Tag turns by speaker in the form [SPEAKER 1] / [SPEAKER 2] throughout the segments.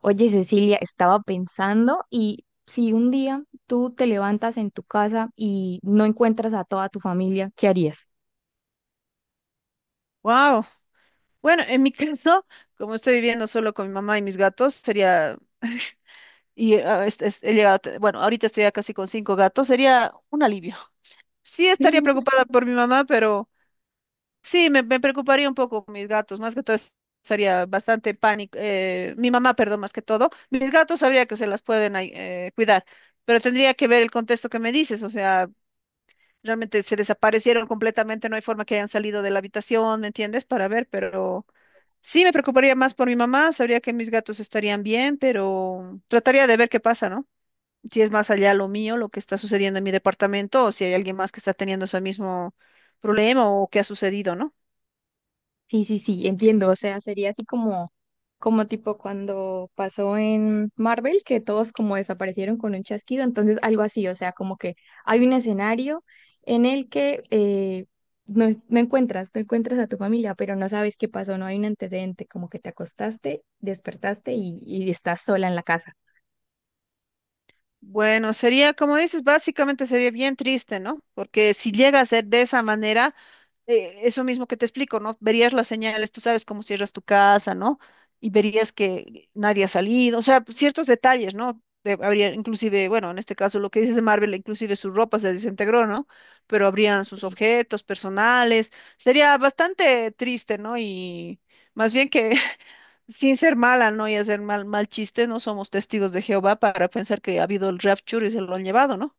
[SPEAKER 1] Oye, Cecilia, estaba pensando, y si un día tú te levantas en tu casa y no encuentras a toda tu familia, ¿qué harías?
[SPEAKER 2] Wow. Bueno, en mi caso, como estoy viviendo solo con mi mamá y mis gatos, sería, y he llegado, bueno, ahorita estoy ya casi con 5 gatos, sería un alivio. Sí, estaría preocupada por mi mamá, pero sí, me preocuparía un poco por mis gatos, más que todo es- estaría bastante pánico, mi mamá, perdón, más que todo, mis gatos sabría que se las pueden ahí, cuidar, pero tendría que ver el contexto que me dices, o sea, realmente se desaparecieron completamente, no hay forma que hayan salido de la habitación, ¿me entiendes? Para ver, pero... Sí, me preocuparía más por mi mamá, sabría que mis gatos estarían bien, pero trataría de ver qué pasa, ¿no? Si es más allá lo mío, lo que está sucediendo en mi departamento, o si hay alguien más que está teniendo ese mismo problema o qué ha sucedido, ¿no?
[SPEAKER 1] Sí, sí, sí, entiendo. O sea, sería así como, como tipo cuando pasó en Marvel, que todos como desaparecieron con un chasquido. Entonces, algo así, o sea, como que hay un escenario en el que no, no encuentras, no encuentras a tu familia, pero no sabes qué pasó, no hay un antecedente, como que te acostaste, despertaste y estás sola en la casa.
[SPEAKER 2] Bueno, sería, como dices, básicamente sería bien triste, ¿no? Porque si llega a ser de esa manera, eso mismo que te explico, ¿no? Verías las señales, tú sabes cómo cierras tu casa, ¿no? Y verías que nadie ha salido, o sea, ciertos detalles, ¿no? Habría inclusive, bueno, en este caso lo que dices de Marvel, inclusive su ropa se desintegró, ¿no? Pero habrían sus
[SPEAKER 1] Sí.
[SPEAKER 2] objetos personales. Sería bastante triste, ¿no? Y más bien que sin ser mala, ¿no? Y hacer mal, mal chiste, no somos testigos de Jehová para pensar que ha habido el rapture y se lo han llevado, ¿no?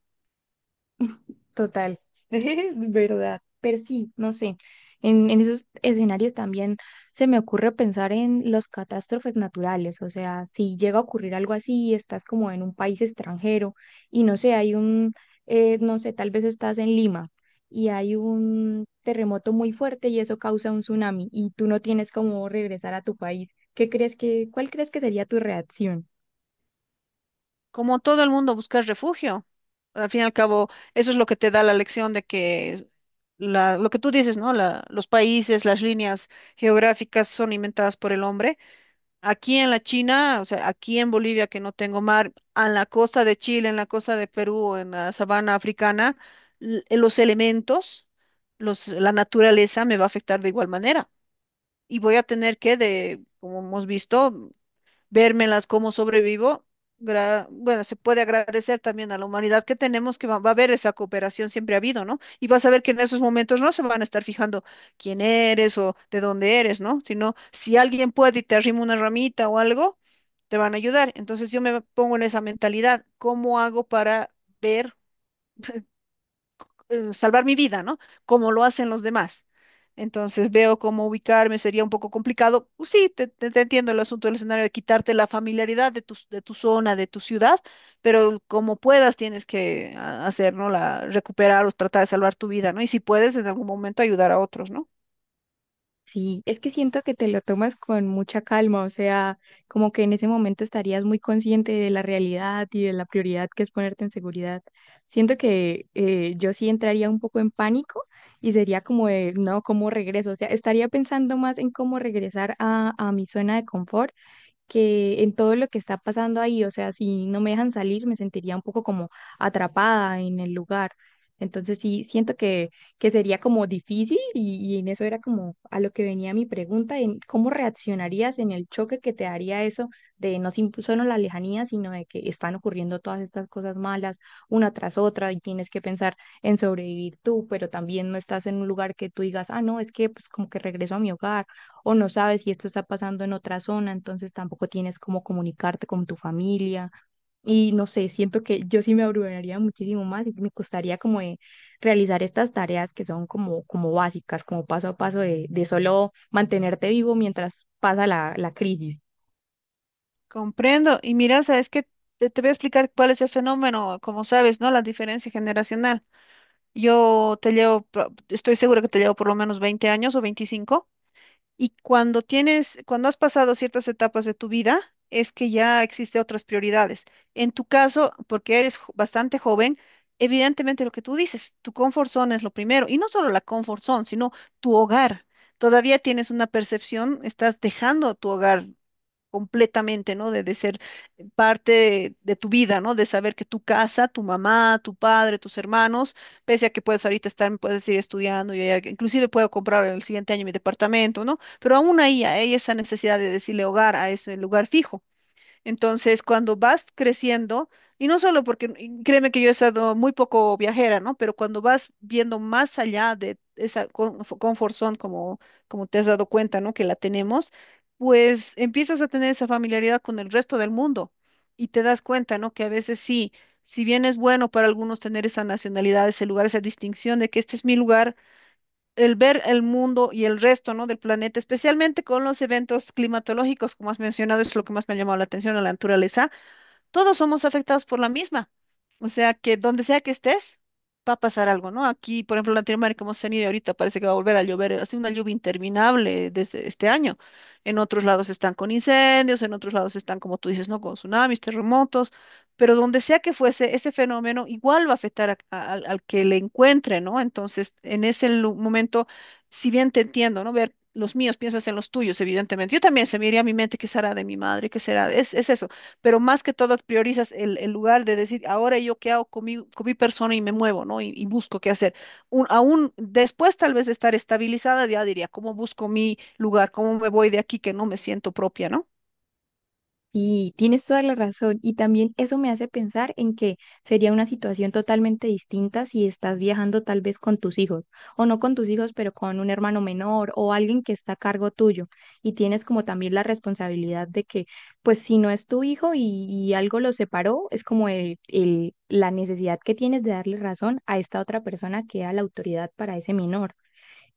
[SPEAKER 1] Total, verdad. Pero sí, no sé. En esos escenarios también se me ocurre pensar en las catástrofes naturales. O sea, si llega a ocurrir algo así, estás como en un país extranjero y no sé, hay un, no sé, tal vez estás en Lima y hay un terremoto muy fuerte y eso causa un tsunami y tú no tienes cómo regresar a tu país. ¿Qué crees que, cuál crees que sería tu reacción?
[SPEAKER 2] Como todo el mundo, buscar refugio. Al fin y al cabo, eso es lo que te da la lección de que lo que tú dices, ¿no? Los países, las líneas geográficas son inventadas por el hombre. Aquí en la China, o sea, aquí en Bolivia, que no tengo mar, en la costa de Chile, en la costa de Perú, en la sabana africana, los elementos, la naturaleza me va a afectar de igual manera. Y voy a tener que, de, como hemos visto, vérmelas cómo sobrevivo. Bueno, se puede agradecer también a la humanidad que tenemos, va a haber esa cooperación, siempre ha habido, ¿no? Y vas a ver que en esos momentos no se van a estar fijando quién eres o de dónde eres, ¿no? Sino si alguien puede y te arrima una ramita o algo, te van a ayudar. Entonces yo me pongo en esa mentalidad, ¿cómo hago para ver? Salvar mi vida, ¿no? Como lo hacen los demás. Entonces veo cómo ubicarme, sería un poco complicado. Pues sí, te entiendo el asunto del escenario de quitarte la familiaridad de tu zona, de tu ciudad, pero como puedas tienes que hacer, ¿no? La, recuperar o tratar de salvar tu vida, ¿no? Y si puedes, en algún momento ayudar a otros, ¿no?
[SPEAKER 1] Sí, es que siento que te lo tomas con mucha calma, o sea, como que en ese momento estarías muy consciente de la realidad y de la prioridad que es ponerte en seguridad. Siento que yo sí entraría un poco en pánico y sería como de, no, ¿cómo regreso? O sea, estaría pensando más en cómo regresar a mi zona de confort que en todo lo que está pasando ahí. O sea, si no me dejan salir, me sentiría un poco como atrapada en el lugar. Entonces sí, siento que sería como difícil, y en eso era como a lo que venía mi pregunta, en cómo reaccionarías en el choque que te daría eso de no solo la lejanía, sino de que están ocurriendo todas estas cosas malas una tras otra y tienes que pensar en sobrevivir tú, pero también no estás en un lugar que tú digas, ah, no, es que pues como que regreso a mi hogar o no sabes si esto está pasando en otra zona, entonces tampoco tienes cómo comunicarte con tu familia. Y no sé, siento que yo sí me abrumaría muchísimo más y me costaría como de realizar estas tareas que son como, como básicas, como paso a paso de solo mantenerte vivo mientras pasa la, la crisis.
[SPEAKER 2] Comprendo. Y mira, sabes que te voy a explicar cuál es el fenómeno, como sabes, ¿no? La diferencia generacional. Yo te llevo, estoy segura que te llevo por lo menos 20 años o 25. Y cuando tienes, cuando has pasado ciertas etapas de tu vida, es que ya existe otras prioridades. En tu caso, porque eres bastante joven, evidentemente lo que tú dices, tu comfort zone es lo primero. Y no solo la comfort zone, sino tu hogar. Todavía tienes una percepción, estás dejando tu hogar completamente, ¿no? De ser parte de tu vida, ¿no? De saber que tu casa, tu mamá, tu padre, tus hermanos, pese a que puedes ahorita estar, puedes ir estudiando, yo ya inclusive puedo comprar el siguiente año mi departamento, ¿no? Pero aún ahí hay esa necesidad de decirle hogar a ese lugar fijo. Entonces, cuando vas creciendo, y no solo porque, y créeme que yo he estado muy poco viajera, ¿no? Pero cuando vas viendo más allá de esa comfort zone, como te has dado cuenta, ¿no? Que la tenemos, pues empiezas a tener esa familiaridad con el resto del mundo y te das cuenta, ¿no? Que a veces sí, si bien es bueno para algunos tener esa nacionalidad, ese lugar, esa distinción de que este es mi lugar, el ver el mundo y el resto, ¿no? Del planeta, especialmente con los eventos climatológicos, como has mencionado, es lo que más me ha llamado la atención, a la naturaleza, todos somos afectados por la misma. O sea que donde sea que estés, va a pasar algo, ¿no? Aquí, por ejemplo, en Latinoamérica hemos tenido y ahorita parece que va a volver a llover, ha sido una lluvia interminable desde este año. En otros lados están con incendios, en otros lados están, como tú dices, ¿no? Con tsunamis, terremotos, pero donde sea que fuese, ese fenómeno igual va a afectar al, al que le encuentre, ¿no? Entonces, en ese momento, si bien te entiendo, ¿no? Ver los míos, piensas en los tuyos, evidentemente. Yo también se me iría a mi mente qué será de mi madre, qué será, es eso, pero más que todo priorizas el lugar de decir, ahora yo qué hago con mi persona y me muevo, ¿no? Y busco qué hacer. Aún después tal vez de estar estabilizada, ya diría, ¿cómo busco mi lugar? ¿Cómo me voy de aquí que no me siento propia, ¿no?
[SPEAKER 1] Y tienes toda la razón. Y también eso me hace pensar en que sería una situación totalmente distinta si estás viajando tal vez con tus hijos, o no con tus hijos, pero con un hermano menor o alguien que está a cargo tuyo. Y tienes como también la responsabilidad de que, pues si no es tu hijo y algo lo separó, es como el, la necesidad que tienes de darle razón a esta otra persona que era la autoridad para ese menor.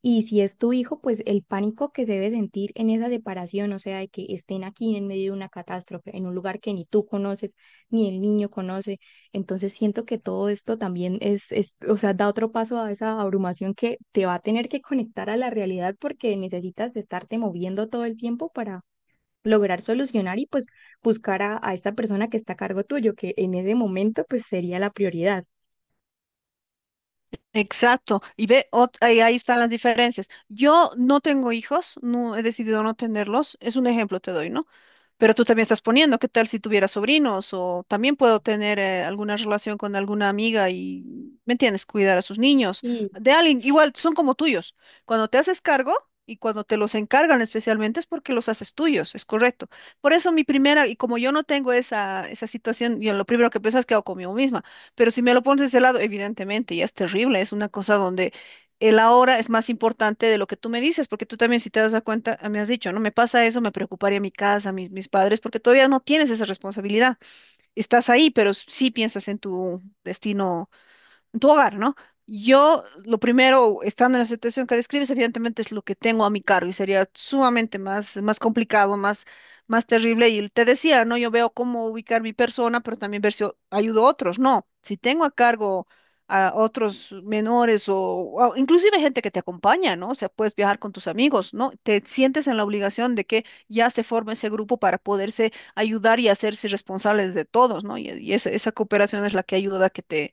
[SPEAKER 1] Y si es tu hijo, pues el pánico que se debe sentir en esa separación, o sea, de que estén aquí en medio de una catástrofe, en un lugar que ni tú conoces, ni el niño conoce. Entonces siento que todo esto también es, o sea, da otro paso a esa abrumación que te va a tener que conectar a la realidad porque necesitas estarte moviendo todo el tiempo para lograr solucionar y pues buscar a esta persona que está a cargo tuyo, que en ese momento pues sería la prioridad.
[SPEAKER 2] Exacto, y ve, ahí, ahí están las diferencias. Yo no tengo hijos, no he decidido no tenerlos, es un ejemplo te doy, ¿no? Pero tú también estás poniendo, ¿qué tal si tuviera sobrinos? O también puedo tener alguna relación con alguna amiga y, ¿me entiendes? Cuidar a sus niños.
[SPEAKER 1] Sí.
[SPEAKER 2] De alguien, igual, son como tuyos. Cuando te haces cargo y cuando te los encargan especialmente es porque los haces tuyos, es correcto. Por eso mi primera, y como yo no tengo esa, esa situación, yo lo primero que pienso es que hago conmigo misma. Pero si me lo pones de ese lado, evidentemente, ya es terrible. Es una cosa donde el ahora es más importante de lo que tú me dices, porque tú también si te das a cuenta, ah, me has dicho, no me pasa eso, me preocuparía mi casa, mis padres, porque todavía no tienes esa responsabilidad. Estás ahí, pero sí piensas en tu destino, tu hogar, ¿no? Yo, lo primero, estando en la situación que describes, evidentemente es lo que tengo a mi cargo y sería sumamente más, más complicado, más, más terrible. Y te decía, ¿no? Yo veo cómo ubicar mi persona, pero también ver si ayudo a otros. No, si tengo a cargo a otros menores o inclusive gente que te acompaña, ¿no? O sea, puedes viajar con tus amigos, ¿no? Te sientes en la obligación de que ya se forme ese grupo para poderse ayudar y hacerse responsables de todos, ¿no? Y esa, esa cooperación es la que ayuda a que te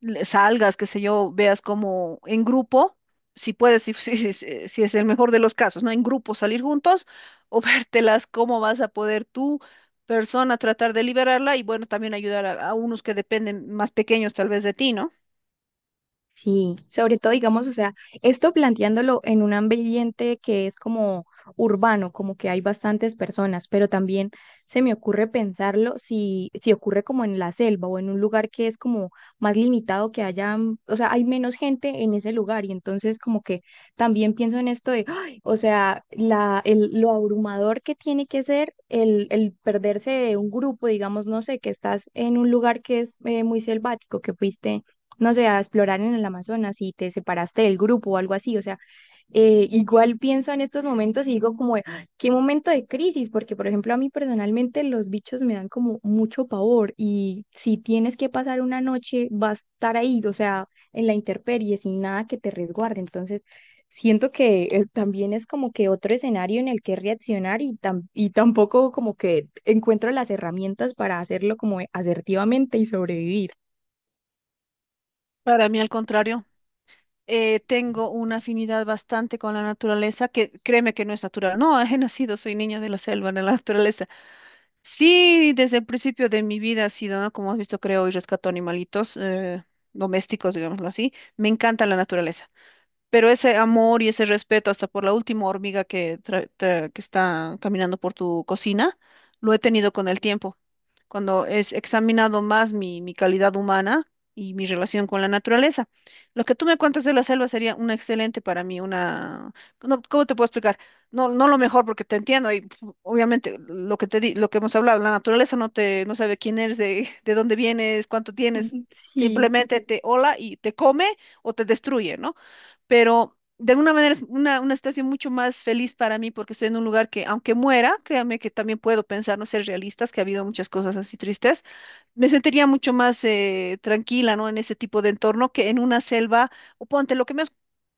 [SPEAKER 2] salgas, qué sé yo, veas como en grupo, si puedes, si, si, si es el mejor de los casos, ¿no? En grupo salir juntos o vértelas, cómo vas a poder tú, persona, tratar de liberarla y bueno, también ayudar a unos que dependen más pequeños tal vez de ti, ¿no?
[SPEAKER 1] Sí, sobre todo, digamos, o sea, esto planteándolo en un ambiente que es como urbano, como que hay bastantes personas, pero también se me ocurre pensarlo si, si ocurre como en la selva o en un lugar que es como más limitado, que haya, mm, o sea, hay menos gente en ese lugar y entonces como que también pienso en esto de, ¡ay! O sea, la, el, lo abrumador que tiene que ser el perderse de un grupo, digamos, no sé, que estás en un lugar que es muy selvático, que fuiste no sé, a explorar en el Amazonas y te separaste del grupo o algo así. O sea, igual pienso en estos momentos y digo como, "Ah, qué momento de crisis, porque por ejemplo a mí personalmente los bichos me dan como mucho pavor y si tienes que pasar una noche vas a estar ahí, o sea, en la intemperie sin nada que te resguarde". Entonces... Siento que también es como que otro escenario en el que reaccionar, y, y tampoco como que encuentro las herramientas para hacerlo como asertivamente y sobrevivir.
[SPEAKER 2] Para mí, al contrario. Tengo una afinidad bastante con la naturaleza, que créeme que no es natural. No, he nacido, soy niña de la selva, de la naturaleza. Sí, desde el principio de mi vida ha sido, ¿no? Como has visto, creo y rescato animalitos domésticos, digámoslo así. Me encanta la naturaleza, pero ese amor y ese respeto hasta por la última hormiga que, que está caminando por tu cocina, lo he tenido con el tiempo cuando es examinado más mi, mi calidad humana y mi relación con la naturaleza. Lo que tú me cuentas de la selva sería una excelente para mí, una... no, ¿cómo te puedo explicar? No, no lo mejor porque te entiendo y pf, obviamente lo que te di, lo que hemos hablado, la naturaleza no te, no sabe quién eres, de, de dónde vienes, cuánto tienes,
[SPEAKER 1] Sí.
[SPEAKER 2] simplemente te hola y te come o te destruye, ¿no? Pero de alguna manera es una situación mucho más feliz para mí porque estoy en un lugar que, aunque muera, créanme que también puedo pensar, no ser realistas, que ha habido muchas cosas así tristes, me sentiría mucho más tranquila, ¿no? En ese tipo de entorno que en una selva, o ponte, lo que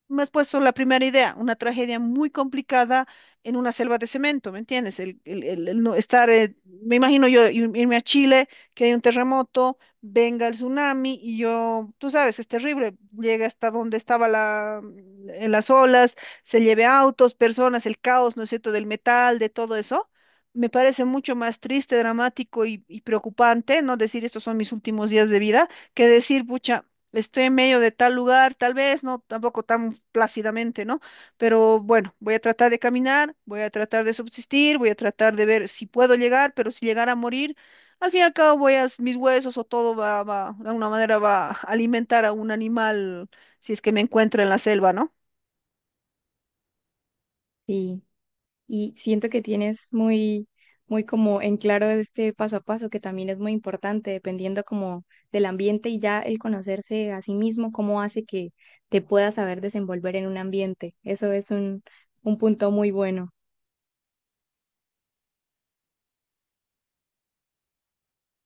[SPEAKER 2] me has puesto la primera idea, una tragedia muy complicada en una selva de cemento, ¿me entiendes? El, el no estar, me imagino yo irme a Chile, que hay un terremoto, venga el tsunami y yo, tú sabes, es terrible, llega hasta donde estaba la, en las olas, se lleve autos, personas, el caos, ¿no es cierto?, del metal, de todo eso me parece mucho más triste, dramático y preocupante, ¿no? Decir estos son mis últimos días de vida, que decir, pucha, estoy en medio de tal lugar, tal vez, no, tampoco tan plácidamente, ¿no? Pero bueno, voy a tratar de caminar, voy a tratar de subsistir, voy a tratar de ver si puedo llegar, pero si llegara a morir, al fin y al cabo voy a, mis huesos o todo va, va, de alguna manera va a alimentar a un animal si es que me encuentra en la selva, ¿no?
[SPEAKER 1] Sí, y siento que tienes muy, muy como en claro este paso a paso, que también es muy importante, dependiendo como del ambiente y ya el conocerse a sí mismo, cómo hace que te puedas saber desenvolver en un ambiente. Eso es un punto muy bueno.